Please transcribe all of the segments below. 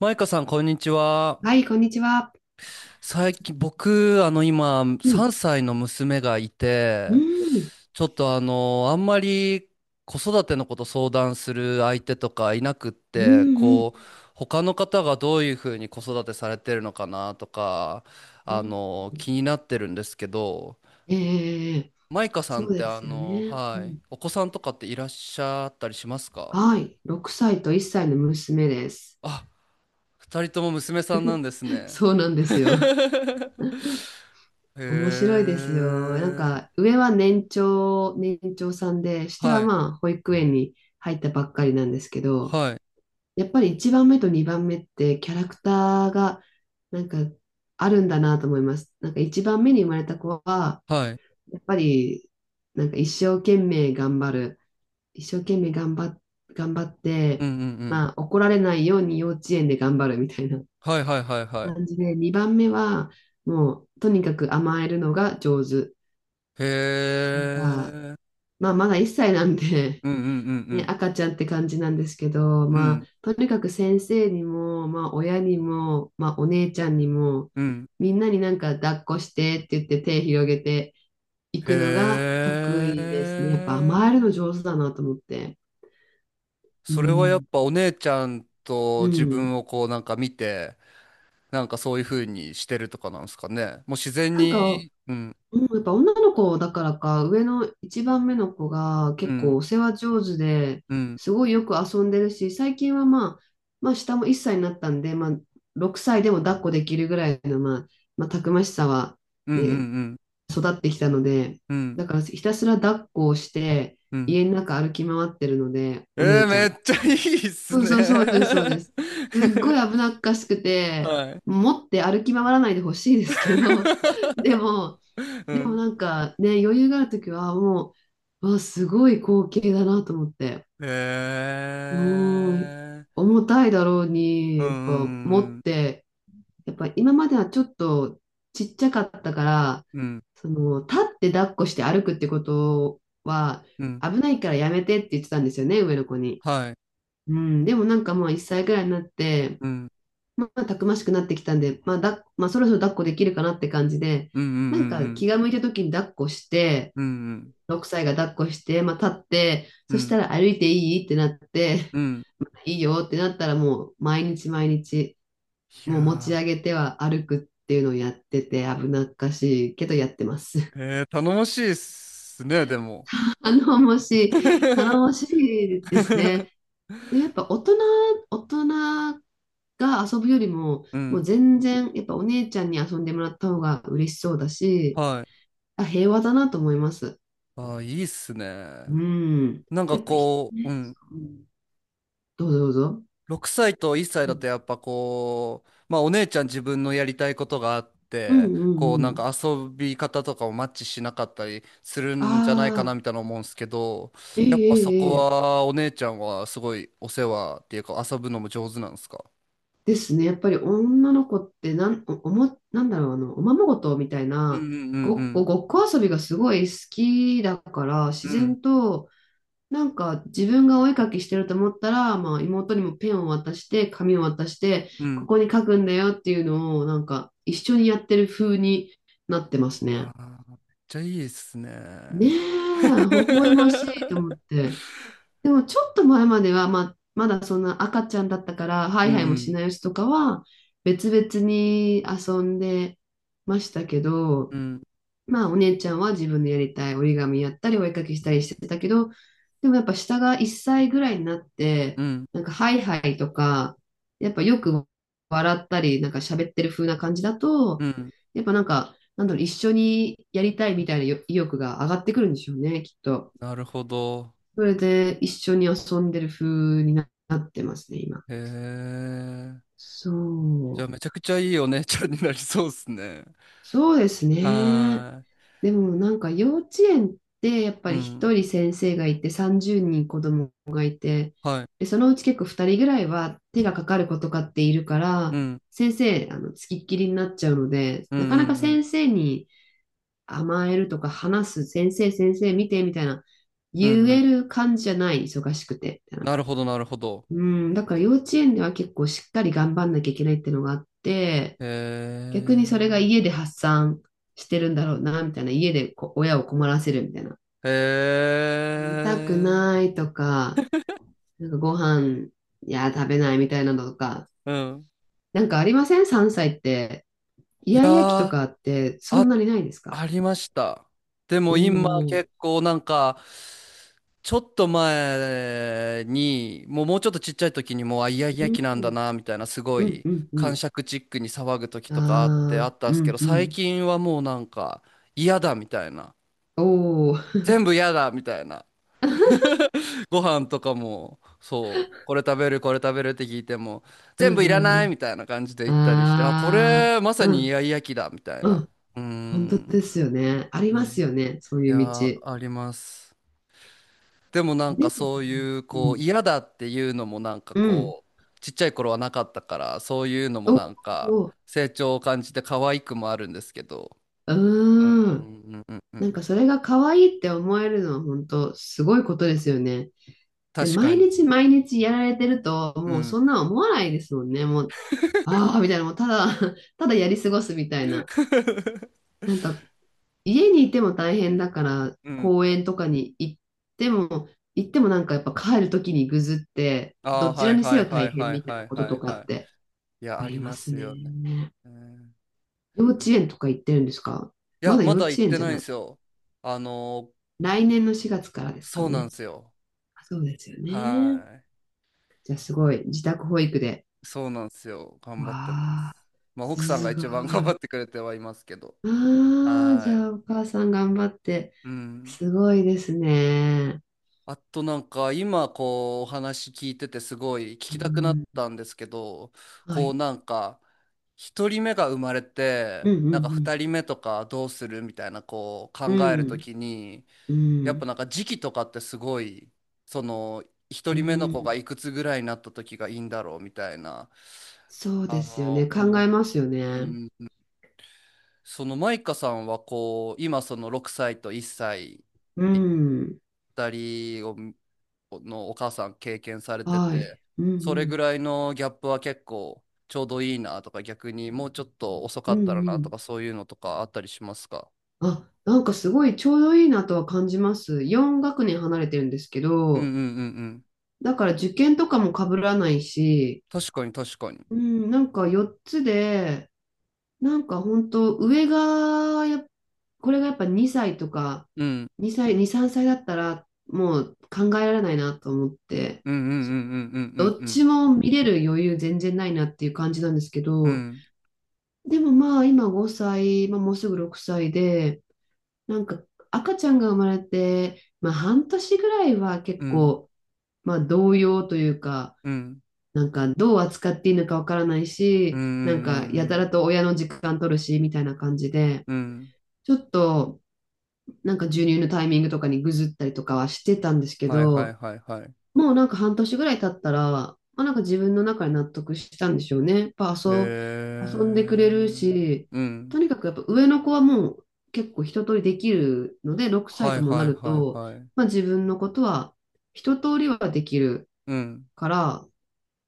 マイカさん、こんにちは。はい、こんにちは。最近、僕、今、う3ん、歳の娘がいうて、ん、ちょっとあんまり子育てのこと相談する相手とかいなくっうん、て、うん。こう、他の方がどういうふうに子育てされてるのかなとか、うん。気になってるんですけど、ええ、マイカさそんっうて、ですよね。うはい、ん。お子さんとかっていらっしゃったりしますか？はい、6歳と1歳の娘です。あ、二人とも娘さんなんですね。そうなんですよ。へ面白いですよ。なんえ。か、上は年長さんで、下ははい、まあ、保育園に入ったばっかりなんですけど、はい、やっぱり1番目と2番目ってキャラクターがなんかあるんだなと思います。なんか1番目に生まれた子は、はい。やっぱり、なんか一生懸命頑張る。一生懸命頑張っ、頑張っうんうて、んうん。まあ怒られないように幼稚園で頑張るみたいなはいはいはいはい。感じで、2番目はもうとにかく甘えるのが上手。へなんか、え。まあまだ1歳なんで、うんうんう ね、ん赤ちゃんって感じなんですけど、うん。うまんあとにかく先生にも、まあ親にも、まあお姉ちゃんにも、うん。みんなになんか抱っこしてって言って手広げて、行くのが得へ意ですね。やっぱえ。甘えるの上手だなと思って。うそれはやっん。ぱお姉ちゃんうと自ん。分をこうなんか見て、なんかそういう風にしてるとかなんですかね。もう自然なんか、に、うん、うん、やっぱ女の子だからか、上の一番目の子がう結ん、構お世話上手で、うん、すごいよく遊んでるし、最近はまあ、まあ下も1歳になったんで、まあ6歳でも抱っこできるぐらいの、まあ、まあ、たくましさはうんうね、ん育ってきたので、うん、うん、だからひたすら抱っこをして、うん。家の中歩き回ってるので、おえ姉ー、ちゃめん。っちゃいいっすそうそうそうです、そね。うです。すっごい危なっかしく て、はい。持って歩き回らないでほしいですけど、でも、うでもんなんかね、余裕があるときはもう、わ、すごい光景だなと思って。もう、ええ重たいだろうに、うやっぱ持っん、て、やっぱ今まではちょっとちっちゃかったから、うん、その、立って抱っこして歩くってことは、うん、危ないからやめてって言ってたんですよね、上の子に。はい、うん、でもなんかもう1歳ぐらいになって、うん、まあ、たくましくなってきたんで、まあだ、まあ、そろそろ抱っこできるかなって感じで、うん、うなんかん、気が向いた時に抱っこして、うん、うん、6歳が抱っこして、まあ、立って、うん、そうん、しうん。たら歩いていいってなって、うん いいよってなったらもう毎日毎日、いもう持ちや上げては歩くっていうのをやってて危なっかしいけどやってます。ー、えー、頼もしいっすね、でも。頼もしい、頼もし いですね。で、やっぱ大人、大人が遊ぶよりも、うもうん、全然、やっぱお姉ちゃんに遊んでもらった方が嬉しそうだし、はい。あ、平和だなと思います。あー、いいっすうね。ん。なんかやっぱひ、こう、うね、そん、う。うん。どうぞどうぞ。6歳と1歳うだん、とやっぱこう、まあお姉ちゃん自分のやりたいことがあっうんて、うこうんうなんん。か遊び方とかもマッチしなかったりするんじゃないかなああ、みたいな思うんですけど、ええやっぱそええこええ。はお姉ちゃんはすごいお世話っていうか遊ぶのも上手なんですか？ですね。やっぱり女の子ってなん、お、おも、なんだろう、あの、おままごとみたいうんな、うんうんごっこ遊びがすごい好きだから、自うん然と、なんか自分がお絵描きしてると思ったら、まあ、妹にもペンを渡して紙を渡してうんうんこうこに書くんだよっていうのをなんか一緒にやってる風になってますね。わあ、めっちゃいいっすねえ、ね。微笑ましいと思っ て。でもちょっと前までは、まあ、まだそんな赤ちゃんだったからハうイハイもしんないやつとかは別々に遊んでましたけど、うんうんまあ、お姉ちゃんは自分でやりたい折り紙やったり、お絵かきしたりしてたけど、でもやっぱ下が1歳ぐらいになっうて、んなんかハイハイとか、やっぱよく笑ったり、なんか喋ってる風な感じだうと、ん。やっぱなんか、なんだろう、一緒にやりたいみたいな意欲が上がってくるんでしょうね、きっと。なるほど。それで一緒に遊んでる風になってますね、今。へえ。そじゃあう。めちゃくちゃいいお姉ちゃんになりそうっすね。そうですね。はでもなんか幼稚園ってやっぱーい。うり一ん。人先生がいて30人子供がいて、はい。で、そのうち結構2人ぐらいは手がかかる子とかっているかうら、ん。先生、あの、つきっきりになっちゃうので、うんうなかなかんうん。先生に甘えるとか話す、先生見てみたいな、う言んうえん。る感じじゃない、忙しくて、みたいな。なるほどなるほど。うん、だから幼稚園では結構しっかり頑張んなきゃいけないってのがあって、へ逆にそれが家え。で発散してるんだろうな、みたいな。家で親を困らせるみたいな。へ見たくえ。ないとか、なんかご飯、いや、食べないみたいなのとか。うん。なんかありません？ 3 歳って。イいヤやイヤ期とー、かってそんあ、なにないですか？ありました。でおも今ー。結構なんか、ちょっと前に、もうちょっとちっちゃい時にもう、あ、イヤイうヤ期なんだん、な、みたいな、すごうん、い、うん、う癇ん。癪チックに騒ぐ時とかあって、あああ、ったんうですけん、ど、う最ん。近はもうなんか、嫌だ、みたいな。おー。全部嫌だ、みたいな。ご飯とかも、そう、これ食べる、これ食べるって聞いても、う全部ん、いらうない、ん、みたいな感じで言うん。ったりして、あ、こああ、れ、まさうにイん、ヤイヤ期だ、みたいうな。ん。うー本当ん、ですよね。ありうますん。よね。そういいやうー、道。あります。でもなんでかも、そういううこうん。嫌だっていうのもなんかうん。こうちっちゃい頃はなかったからそういうのもおなんかお、う成長を感じて可愛くもあるんですけどーうん。んうんうんうなんんかそれが可愛いって思えるのは本当すごいことですよね。で、確か毎に日毎日やられてると、うもうんそんな思わないですもんね。もう、ああ、みたいな、もうただ、ただやり過ごすみたいな。なんか、家にいても大変だから、うん公園とかに行っても、なんかやっぱ帰る時にぐずって、あどあーちはらいにせはいよは大い変はいみたいはないことはいとかはっいていやあありりまますすよね、ね。うん幼え稚園とか行ってるんですか？いまやだま幼稚だ行っ園てじゃないんでない。すよあの来年の4月からですかそうなんね。ですよあ、そうですよはね。いじゃあすごい、自宅保育で。そうなんですよ頑わ張ってまあ、すまあ奥さんがすごい。一番頑張っあてくれてはいますけどあ、じはゃいあお母さん頑張って。うん。すごいですね。あとなんか今こうお話聞いててすごい聞うきたくなっん、たんですけど、はこうい。なんか一人目が生まれうて、なんかん二人目とかどうするみたいなこう考うえるとんきに、うん。うん。うやっぱん。なんか時期とかってすごい、その一う人目の子がん。いくつぐらいになった時がいいんだろうみたいな、そうですよね。考思えますよう。うね。ん、そのマイカさんはこう今その6歳と1歳うん。二人をのお母さん経験されてはて、い。うんうそれぐん。らいのギャップは結構ちょうどいいなとか、逆にもうちょっと遅うかんったらうなとん。か、そういうのとかあったりしますか？あ、なんかすごいちょうどいいなとは感じます。4学年離れてるんですけうんうんど、うんうん。だから受験とかも被らないし、確かに確かに。うん、なんか4つで、なんか本当上がやこれがやっぱ2歳とか、うん。2、3歳だったらもう考えられないなと思って、うんうんうそんうんどっうちんも見れる余裕全然ないなっていう感じなんですけうど、んでもまあ今5歳、まあ、もうすぐ6歳で、なんか赤ちゃんが生まれて、まあ半年ぐらいはう結んうん構、まあ動揺というか、うんなんかどう扱っていいのかわからないうんうし、んうなんんかやたらと親の時間取るし、みたいな感じで、うんうんちょっとなんか授乳のタイミングとかにぐずったりとかはしてたんですけはいはいど、はいはい。もうなんか半年ぐらい経ったら、まあ、なんか自分の中で納得したんでしょうね。やっぱへ遊んでくれるえ。し、うとん。にかくやっぱ上の子はもう結構一通りできるので、6歳はといもなはいるはいと、はい。まあ、自分のことは一通りはできるうんから、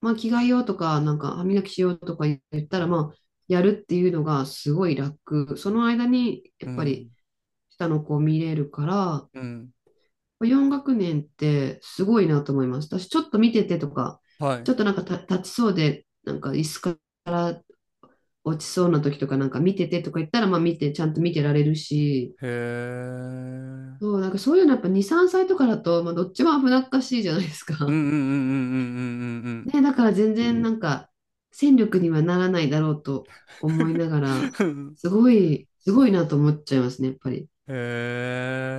まあ、着替えようとか、なんか歯磨きしようとか言ったら、まあ、やるっていうのがすごい楽。その間に、やうっぱりん下の子を見れるかうら、ん。4学年ってすごいなと思います。私、ちょっと見ててとか、はちい。ょっとなんか立ちそうで、なんか椅子が落ちそうな時とか、なんか見ててとか言ったら、まあ見て、ちゃんと見てられるし、へえ。そう、なんかそういうのやっぱ2、3歳とかだと、まあ、どっちも危なっかしいじゃないですうんうか。んうんうんね、だから全う然ん。なんんか戦力にはならないだろうと思いながら、うんうんうんうん すごい、すごいなと思っちゃいますね、やっぱり。へ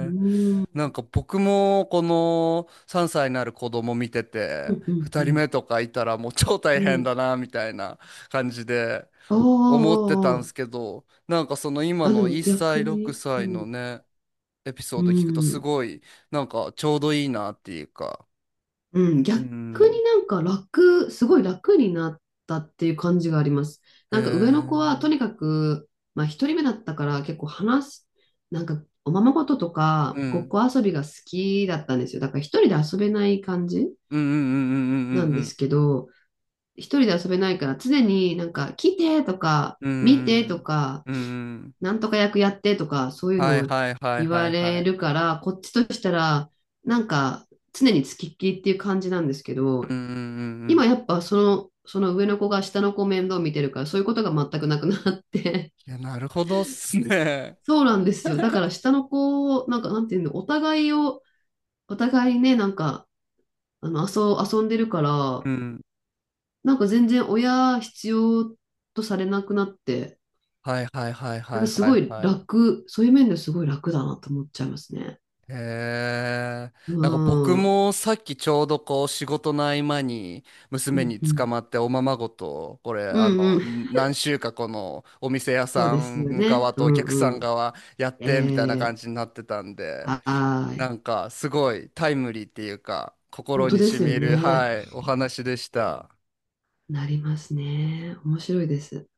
うえ。ーなんん。か僕もこの3歳になる子供見てうて、んうん2う人ん。目とかいたらもう超う大変ん。だなみたいな感じでおーお思ってたーおんーでおー。すけど、なんかその今あ、でのも1逆歳、6に。う歳のん。ね、エピソうード聞くとすん。ごいなんかちょうどいいなっていうか。うん、う逆ん。になんか楽、すごい楽になったっていう感じがあります。へえ。なんか上のう子はとん。にかく、まあ一人目だったから結構話す、なんかおままごととうかごっんこ遊びが好きだったんですよ。だから一人で遊べない感じうんうなんんうでんすけど、一人で遊べないから常になんか来てとかう見てとんか、うんうん。うん。うん。なんとか役やってとかそういうはのいをはいはい言はわいはれい。るから、こっちとしたらなんか常に付きっきりっていう感じなんですけうんど、うんうんうん。今やっぱその上の子が下の子を面倒見てるから、そういうことが全くなくなって。 いや、なるほどっす ね。そうなんですよ。だから 下の子を、なんかなんていうの、お互いね、なんか、あの、遊んでるから、うん。なんか全然親必要とされなくなって、はいはいはいなんはかいすはいごいはい。楽、そういう面ですごい楽だなと思っちゃいますね。へえ。うなんか僕ん。うんもさっきちょうどこう仕事の合間にう娘に捕ん。まっておままごと、これうんうん。何週かこのお店屋そうさですよんね。側うとお客さんんうん。側やっえてみたいな感ー、じになってたんで、はーない。んかすごいタイムリーっていうか本心当にで染すよみる、ね。はい、お話でした。なりますね。面白いです。